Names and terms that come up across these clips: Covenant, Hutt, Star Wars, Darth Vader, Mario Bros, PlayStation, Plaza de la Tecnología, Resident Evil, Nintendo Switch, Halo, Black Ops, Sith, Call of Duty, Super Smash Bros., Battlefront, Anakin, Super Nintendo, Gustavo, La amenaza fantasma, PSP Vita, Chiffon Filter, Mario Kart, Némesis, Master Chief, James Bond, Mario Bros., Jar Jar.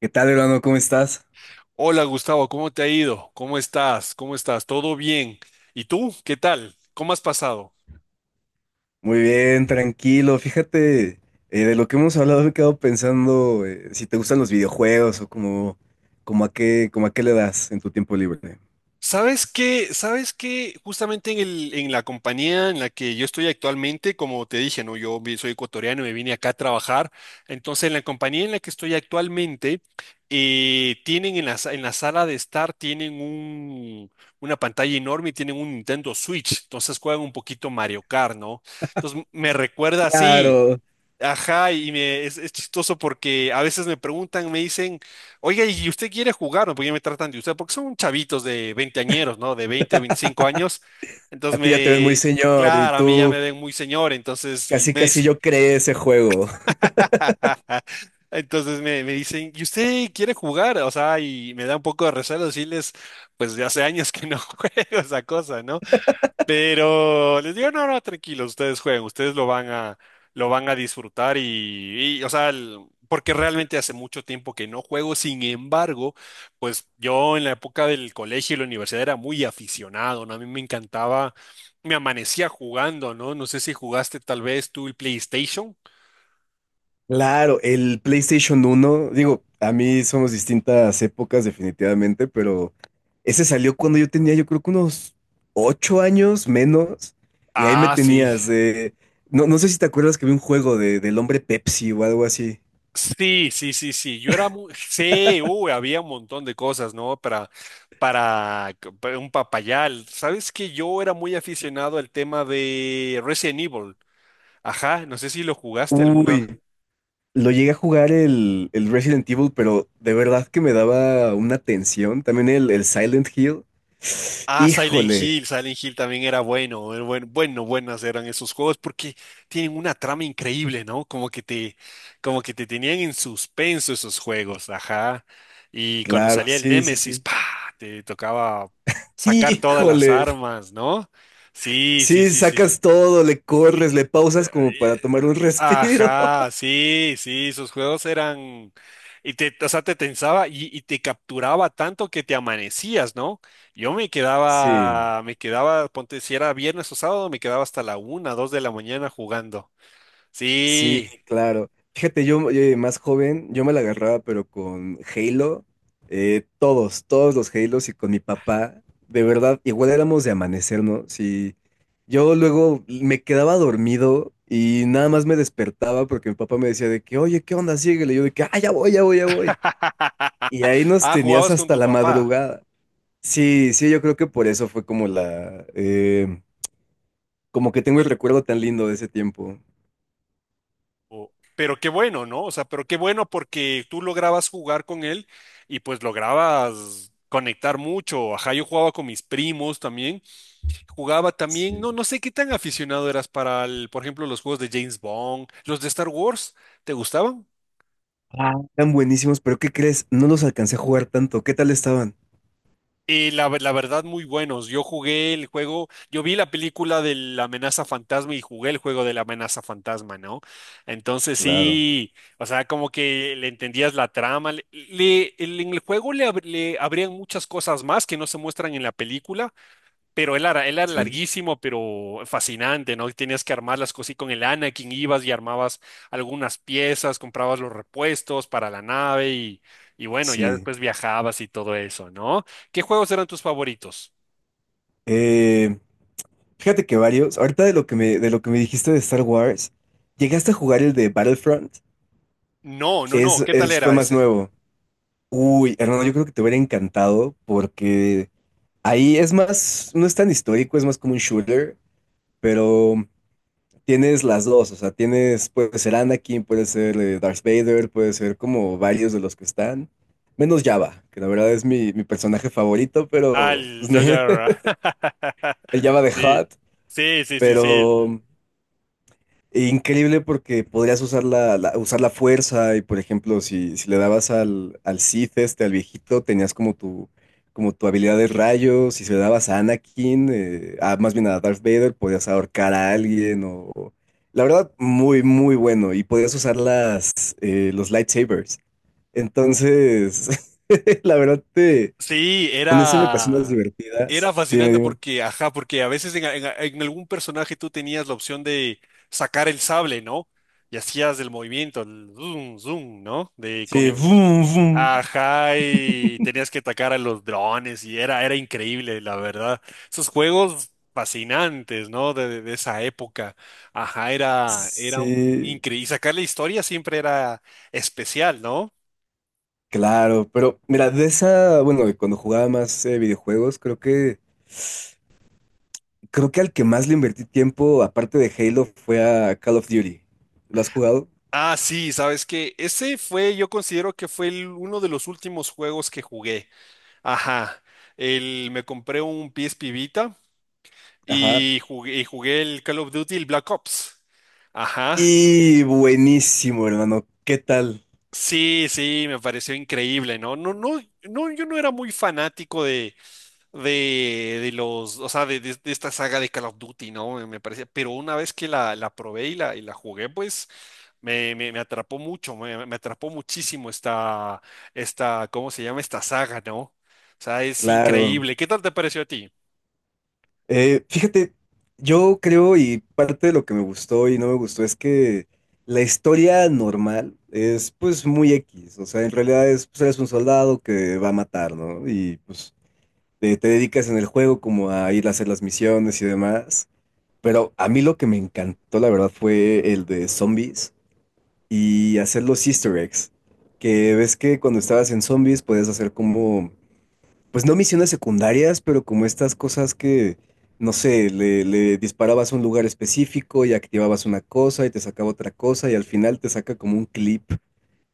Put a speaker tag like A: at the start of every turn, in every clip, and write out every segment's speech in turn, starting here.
A: ¿Qué tal, hermano? ¿Cómo estás?
B: Hola Gustavo, ¿cómo te ha ido? ¿Cómo estás? ¿Todo bien? ¿Y tú? ¿Qué tal? ¿Cómo has pasado?
A: Muy bien, tranquilo. Fíjate, de lo que hemos hablado me he quedado pensando si te gustan los videojuegos o como, como a qué le das en tu tiempo libre.
B: ¿Sabes qué? Justamente en la compañía en la que yo estoy actualmente, como te dije, ¿no? Soy ecuatoriano y me vine acá a trabajar. Entonces, en la compañía en la que estoy actualmente, tienen en la sala de estar, tienen una pantalla enorme y tienen un Nintendo Switch. Entonces juegan un poquito Mario Kart, ¿no? Entonces me recuerda así.
A: Claro,
B: Ajá, es chistoso porque a veces me preguntan, me dicen, oiga, ¿y usted quiere jugar?, ¿no? Porque ya me tratan de usted, porque son chavitos de veinteañeros, ¿no? De 20 a 25 años.
A: a
B: Entonces
A: ti ya te ves muy
B: me,
A: señor y
B: claro, a mí ya me
A: tú
B: ven muy señor, entonces y
A: casi
B: me
A: casi
B: dice,
A: yo creé ese juego.
B: me dicen, ¿y usted quiere jugar? O sea, y me da un poco de recelo decirles, pues de hace años que no juego esa cosa, no, pero les digo, no, no, tranquilos, ustedes jueguen, ustedes lo van a disfrutar o sea, porque realmente hace mucho tiempo que no juego. Sin embargo, pues yo en la época del colegio y la universidad era muy aficionado, ¿no? A mí me encantaba, me amanecía jugando, ¿no? No sé si jugaste tal vez tú el PlayStation.
A: Claro, el PlayStation 1, digo, a mí somos distintas épocas definitivamente, pero ese salió cuando yo tenía yo creo que unos 8 años menos, y ahí me
B: Ah, sí.
A: tenías, no, no sé si te acuerdas que vi un juego de, del hombre Pepsi o algo así.
B: Sí, sí, sí, sí. Yo era muy... Sí, uy, había un montón de cosas, ¿no? Para un papayal. ¿Sabes que yo era muy aficionado al tema de Resident Evil? Ajá, no sé si lo jugaste alguna.
A: Uy, lo llegué a jugar el Resident Evil, pero de verdad que me daba una tensión, también el Silent Hill.
B: Ah, Silent
A: Híjole,
B: Hill, Silent Hill también era bueno, era bueno, buenas eran esos juegos porque tienen una trama increíble, ¿no? Como que te tenían en suspenso esos juegos, ajá. Y cuando
A: claro,
B: salía el
A: sí, sí,
B: Némesis,
A: sí.
B: ¡pa!, te tocaba sacar todas las
A: Híjole.
B: armas, ¿no? Sí, sí,
A: Sí,
B: sí, sí,
A: sacas
B: sí.
A: todo, le corres, le pausas como
B: Eh,
A: para tomar un respiro.
B: Ajá, sí, sí, sus juegos eran, y te, o sea, te tensaba y te capturaba tanto que te amanecías, ¿no? Yo
A: Sí,
B: me quedaba, ponte, si era viernes o sábado, me quedaba hasta la una, dos de la mañana jugando.
A: sí,
B: Sí.
A: claro. Fíjate, yo más joven, yo me la agarraba, pero con Halo, todos los Halos y con mi papá, de verdad, igual éramos de amanecernos y yo luego me quedaba dormido y nada más me despertaba porque mi papá me decía de que, oye, ¿qué onda? Síguele. Y yo de que, ah, ya voy, ya voy, ya voy. Y ahí nos
B: Ah,
A: tenías
B: jugabas con
A: hasta
B: tu
A: la
B: papá.
A: madrugada. Sí, sí, yo creo que por eso fue como como que tengo el recuerdo tan lindo de ese tiempo.
B: Pero qué bueno, ¿no? O sea, pero qué bueno porque tú lograbas jugar con él y pues lograbas conectar mucho. Ajá, yo jugaba con mis primos también. Jugaba también, no,
A: Sí.
B: no sé qué tan aficionado eras para, por ejemplo, los juegos de James Bond, los de Star Wars, ¿te gustaban?
A: Tan buenísimos, pero ¿qué crees? No los alcancé a jugar tanto. ¿Qué tal estaban?
B: Y la verdad, muy buenos. Yo jugué el juego, yo vi la película de La Amenaza Fantasma y jugué el juego de La Amenaza Fantasma, ¿no? Entonces
A: Claro,
B: sí, o sea, como que le entendías la trama. En el juego le abrían muchas cosas más que no se muestran en la película. Pero él era
A: sí,
B: larguísimo, pero fascinante, ¿no? Y tenías que armar las cosas y con el Anakin ibas y armabas algunas piezas, comprabas los repuestos para la nave y bueno, ya
A: sí.
B: después viajabas y todo eso, ¿no? ¿Qué juegos eran tus favoritos?
A: Eh, Fíjate que varios. Ahorita de lo que me dijiste de Star Wars, llegaste a jugar el de Battlefront.
B: No, no, no, ¿qué tal
A: Fue
B: era
A: más
B: ese?
A: nuevo. Uy, hermano, yo creo que te hubiera encantado porque ahí es más, no es tan histórico, es más como un shooter, pero tienes las dos, o sea, tienes, puede ser Anakin, puede ser Darth Vader, puede ser como varios de los que están, menos Java, que la verdad es mi personaje favorito, pero
B: Al
A: pues,
B: Jar Jar.
A: el Java de
B: Sí,
A: Hutt,
B: sí, sí, sí, sí.
A: pero increíble porque podrías usar usar la fuerza y, por ejemplo, si le dabas al Sith, este, al viejito, tenías como tu habilidad de rayos. Y si le dabas a Anakin, más bien a Darth Vader, podías ahorcar a alguien. La verdad, muy, muy bueno. Y podías usar los lightsabers. Entonces, la verdad,
B: Sí,
A: pones siempre unas
B: era,
A: divertidas.
B: era
A: Dime,
B: fascinante
A: dime.
B: porque, ajá, porque a veces en algún personaje tú tenías la opción de sacar el sable, ¿no? Y hacías el movimiento, el zoom, zoom, ¿no? De con
A: Sí,
B: el,
A: boom, boom.
B: ajá, y tenías que atacar a los drones y era, era increíble, la verdad. Esos juegos fascinantes, ¿no? De esa época, ajá, era, era
A: Sí.
B: increíble. Y sacar la historia siempre era especial, ¿no?
A: Claro, pero mira, de esa, bueno, de cuando jugaba más videojuegos, creo que al que más le invertí tiempo, aparte de Halo, fue a Call of Duty. ¿Lo has jugado?
B: Ah, sí, sabes que ese fue, yo considero que fue uno de los últimos juegos que jugué. Ajá, el, me compré un PSP Vita
A: Ajá.
B: y jugué el Call of Duty, el Black Ops. Ajá,
A: Y buenísimo, hermano. ¿Qué tal?
B: sí, sí, me pareció increíble, ¿no? No, no, no, yo no era muy fanático o sea, de esta saga de Call of Duty, ¿no? Me parece, pero una vez que la probé y y la jugué, pues me atrapó mucho, me atrapó muchísimo esta, esta, ¿cómo se llama? Esta saga, ¿no? O sea, es
A: Claro.
B: increíble. ¿Qué tal te pareció a ti?
A: Fíjate, yo creo y parte de lo que me gustó y no me gustó es que la historia normal es pues muy X. O sea, en realidad es, pues eres un soldado que va a matar, ¿no? Y pues te dedicas en el juego como a ir a hacer las misiones y demás. Pero a mí lo que me encantó, la verdad, fue el de zombies y hacer los Easter eggs. Que ves que cuando estabas en zombies podías hacer como, pues no misiones secundarias, pero como estas cosas que, no sé, le disparabas a un lugar específico y activabas una cosa y te sacaba otra cosa y al final te saca como un clip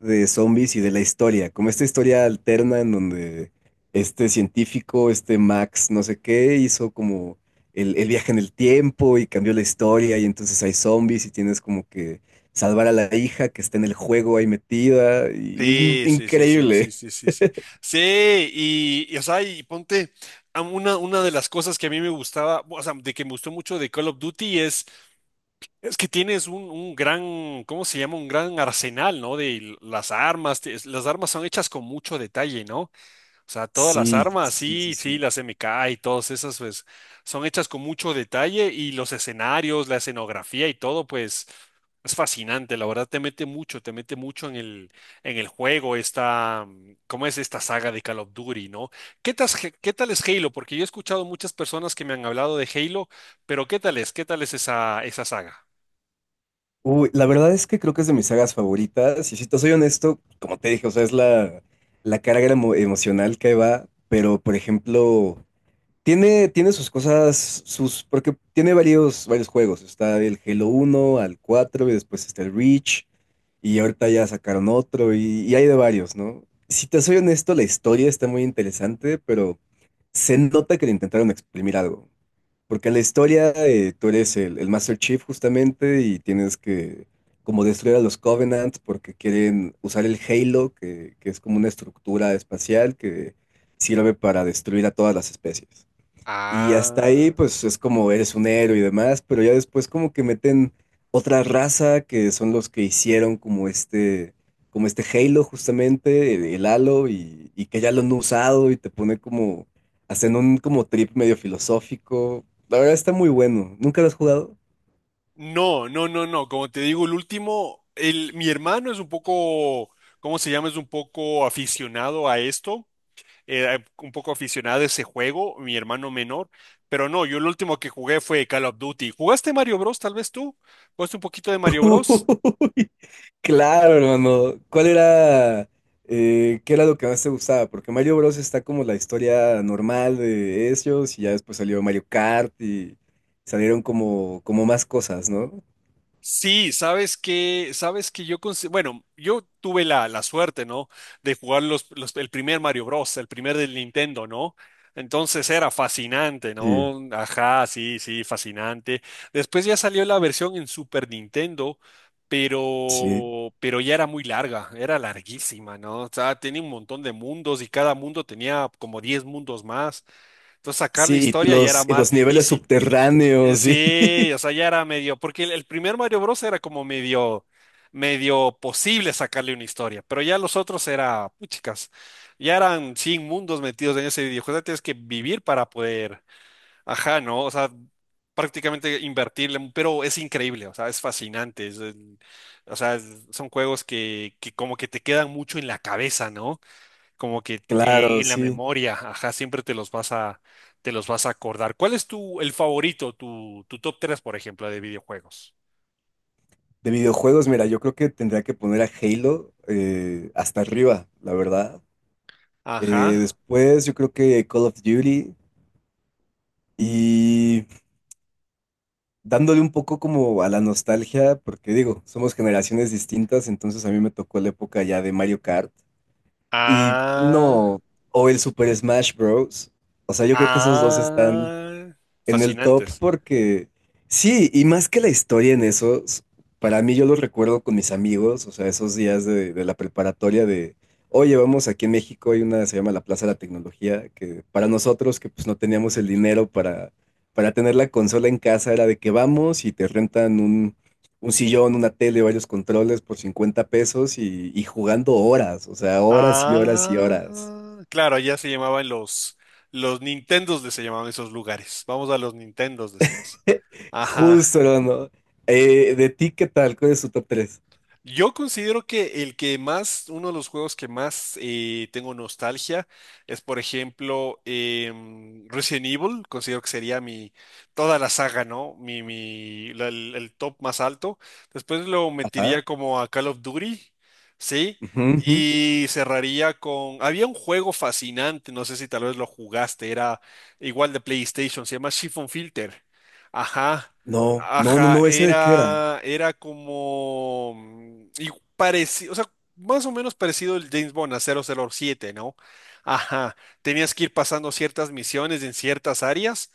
A: de zombies y de la historia, como esta historia alterna en donde este científico, este Max, no sé qué, hizo como el viaje en el tiempo y cambió la historia y entonces hay zombies y tienes como que salvar a la hija que está en el juego ahí metida y es
B: Sí, sí, sí, sí, sí,
A: increíble.
B: sí, sí, sí. Sí, y, o sea, y ponte, a una de las cosas que a mí me gustaba, o sea, de que me gustó mucho de Call of Duty es. Es que tienes un gran, ¿cómo se llama? Un gran arsenal, ¿no? De las armas. Las armas son hechas con mucho detalle, ¿no? O sea, todas las
A: Sí,
B: armas,
A: sí, sí,
B: sí, sí,
A: sí.
B: las MK y todas esas, pues, son hechas con mucho detalle y los escenarios, la escenografía y todo, pues, es fascinante. La verdad, te mete mucho en el juego esta, ¿cómo es esta saga de Call of Duty, ¿no? ¿Qué tal, es Halo? Porque yo he escuchado muchas personas que me han hablado de Halo, pero ¿qué tal es? ¿Qué tal es esa saga?
A: Uy, la verdad es que creo que es de mis sagas favoritas y si te soy honesto, como te dije, o sea, es la carga emocional que va, pero por ejemplo... Tiene sus cosas, porque tiene varios juegos. Está el Halo 1 al 4 y después está el Reach y ahorita ya sacaron otro y hay de varios, ¿no? Si te soy honesto, la historia está muy interesante, pero se nota que le intentaron exprimir algo. Porque en la historia tú eres el Master Chief justamente y tienes que como destruir a los Covenant porque quieren usar el Halo, que es como una estructura espacial que sirve para destruir a todas las especies. Y hasta ahí,
B: Ah,
A: pues es como eres un héroe y demás, pero ya después como que meten otra raza que son los que hicieron como este Halo justamente, el Halo, y que ya lo han usado y te pone como, hacen un como trip medio filosófico. La verdad está muy bueno. ¿Nunca lo has jugado?
B: no, no, no, no. Como te digo, el último, el, mi hermano es un poco, ¿cómo se llama? Es un poco aficionado a esto, un poco aficionado a ese juego, mi hermano menor. Pero no, yo el último que jugué fue Call of Duty. ¿Jugaste Mario Bros? Tal vez tú. ¿Jugaste un poquito de Mario Bros?
A: Uy, claro, hermano. ¿Qué era lo que más te gustaba? Porque Mario Bros. Está como la historia normal de ellos y ya después salió Mario Kart y salieron como más cosas, ¿no?
B: Sí, sabes que, yo, bueno, yo tuve la suerte, ¿no? De jugar el primer Mario Bros, el primer del Nintendo, ¿no? Entonces era fascinante,
A: Sí.
B: ¿no? Ajá, sí, sí, fascinante. Después ya salió la versión en Super Nintendo,
A: Sí.
B: pero ya era muy larga, era larguísima, ¿no? O sea, tenía un montón de mundos y cada mundo tenía como 10 mundos más. Entonces sacar la
A: Sí, y
B: historia ya era
A: los, y
B: más
A: los niveles
B: difícil.
A: subterráneos, sí.
B: Sí, o sea, ya era medio, porque el primer Mario Bros. Era como medio, medio posible sacarle una historia, pero ya los otros era, puchicas, ya eran 100 mundos metidos en ese videojuego, o tienes que vivir para poder, ajá, ¿no? O sea, prácticamente invertirle, pero es increíble, o sea, es fascinante, o sea, son juegos que como que te quedan mucho en la cabeza, ¿no? Como que
A: Claro,
B: en la
A: sí.
B: memoria, ajá, siempre te los vas a acordar. ¿Cuál es tu, el favorito, tu top tres por ejemplo, de videojuegos?
A: De videojuegos, mira, yo creo que tendría que poner a Halo hasta arriba, la verdad.
B: Ajá.
A: Después yo creo que Call of Duty y dándole un poco como a la nostalgia, porque digo, somos generaciones distintas, entonces a mí me tocó la época ya de Mario Kart y
B: Ah,
A: no, o el Super Smash Bros. O sea, yo creo que esos dos están
B: ah,
A: en el top
B: fascinantes.
A: porque sí, y más que la historia en esos, para mí yo los recuerdo con mis amigos, o sea, esos días de la preparatoria oye, vamos, aquí en México hay una, se llama la Plaza de la Tecnología, que para nosotros que pues no teníamos el dinero para tener la consola en casa era de que vamos y te rentan un sillón, una tele, varios controles por 50 pesos y jugando horas, o sea, horas y horas y horas.
B: Ah, claro, ya se llamaban los Nintendos de se llamaban esos lugares. Vamos a los Nintendos, decías. Ajá.
A: Justo, ¿no? ¿De ti qué tal? ¿Cuál es tu top 3?
B: Yo considero que el que más, uno de los juegos que más tengo nostalgia es, por ejemplo, Resident Evil. Considero que sería mi, toda la saga, ¿no? Mi, el top más alto. Después lo
A: Ajá.
B: metería como a Call of Duty, ¿sí?
A: Ujú, ujú.
B: Y cerraría con, había un juego fascinante, no sé si tal vez lo jugaste, era igual de PlayStation, se llama Chiffon Filter. Ajá.
A: No, no, no,
B: Ajá,
A: no, ¿ese de qué era?
B: era, era como... Y parecido, o sea, más o menos parecido el James Bond a 007, ¿no? Ajá, tenías que ir pasando ciertas misiones en ciertas áreas,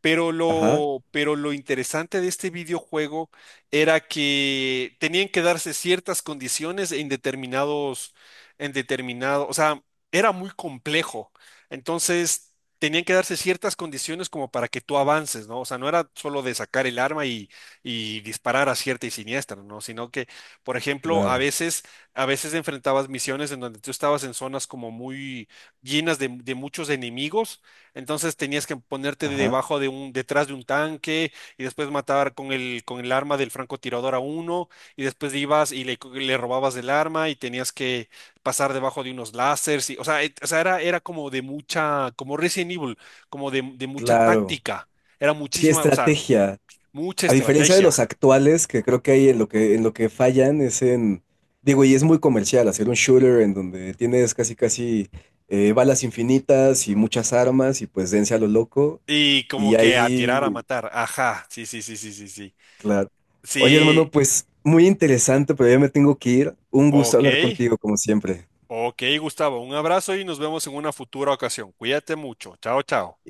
A: Ajá,
B: pero lo interesante de este videojuego era que tenían que darse ciertas condiciones en determinados, en determinado, o sea, era muy complejo. Entonces, tenían que darse ciertas condiciones como para que tú avances, ¿no? O sea, no era solo de sacar el arma y disparar a cierta y siniestra, ¿no? Sino que, por ejemplo,
A: claro,
B: a veces enfrentabas misiones en donde tú estabas en zonas como muy llenas de muchos enemigos, entonces tenías que ponerte
A: ajá,
B: debajo de un, detrás de un tanque y después matar con el arma del francotirador a uno y después ibas y le robabas el arma y tenías que pasar debajo de unos láseres y, o sea, o sea, era, era como de mucha, como Resident Evil, como de mucha
A: claro.
B: táctica, era
A: Sí,
B: muchísima, o sea,
A: estrategia.
B: mucha
A: A diferencia de
B: estrategia
A: los actuales, que creo que ahí en lo que fallan es en, digo, y es muy comercial, hacer un shooter en donde tienes casi, casi balas infinitas y muchas armas y pues dense a lo loco.
B: y como
A: Y
B: que a tirar a
A: ahí,
B: matar, ajá, sí, sí, sí, sí, sí, sí,
A: claro. Oye, hermano,
B: sí,
A: pues muy interesante, pero ya me tengo que ir. Un gusto
B: ok.
A: hablar contigo, como siempre.
B: Ok, Gustavo, un abrazo y nos vemos en una futura ocasión. Cuídate mucho. Chao, chao.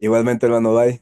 A: Igualmente, hermano, bye.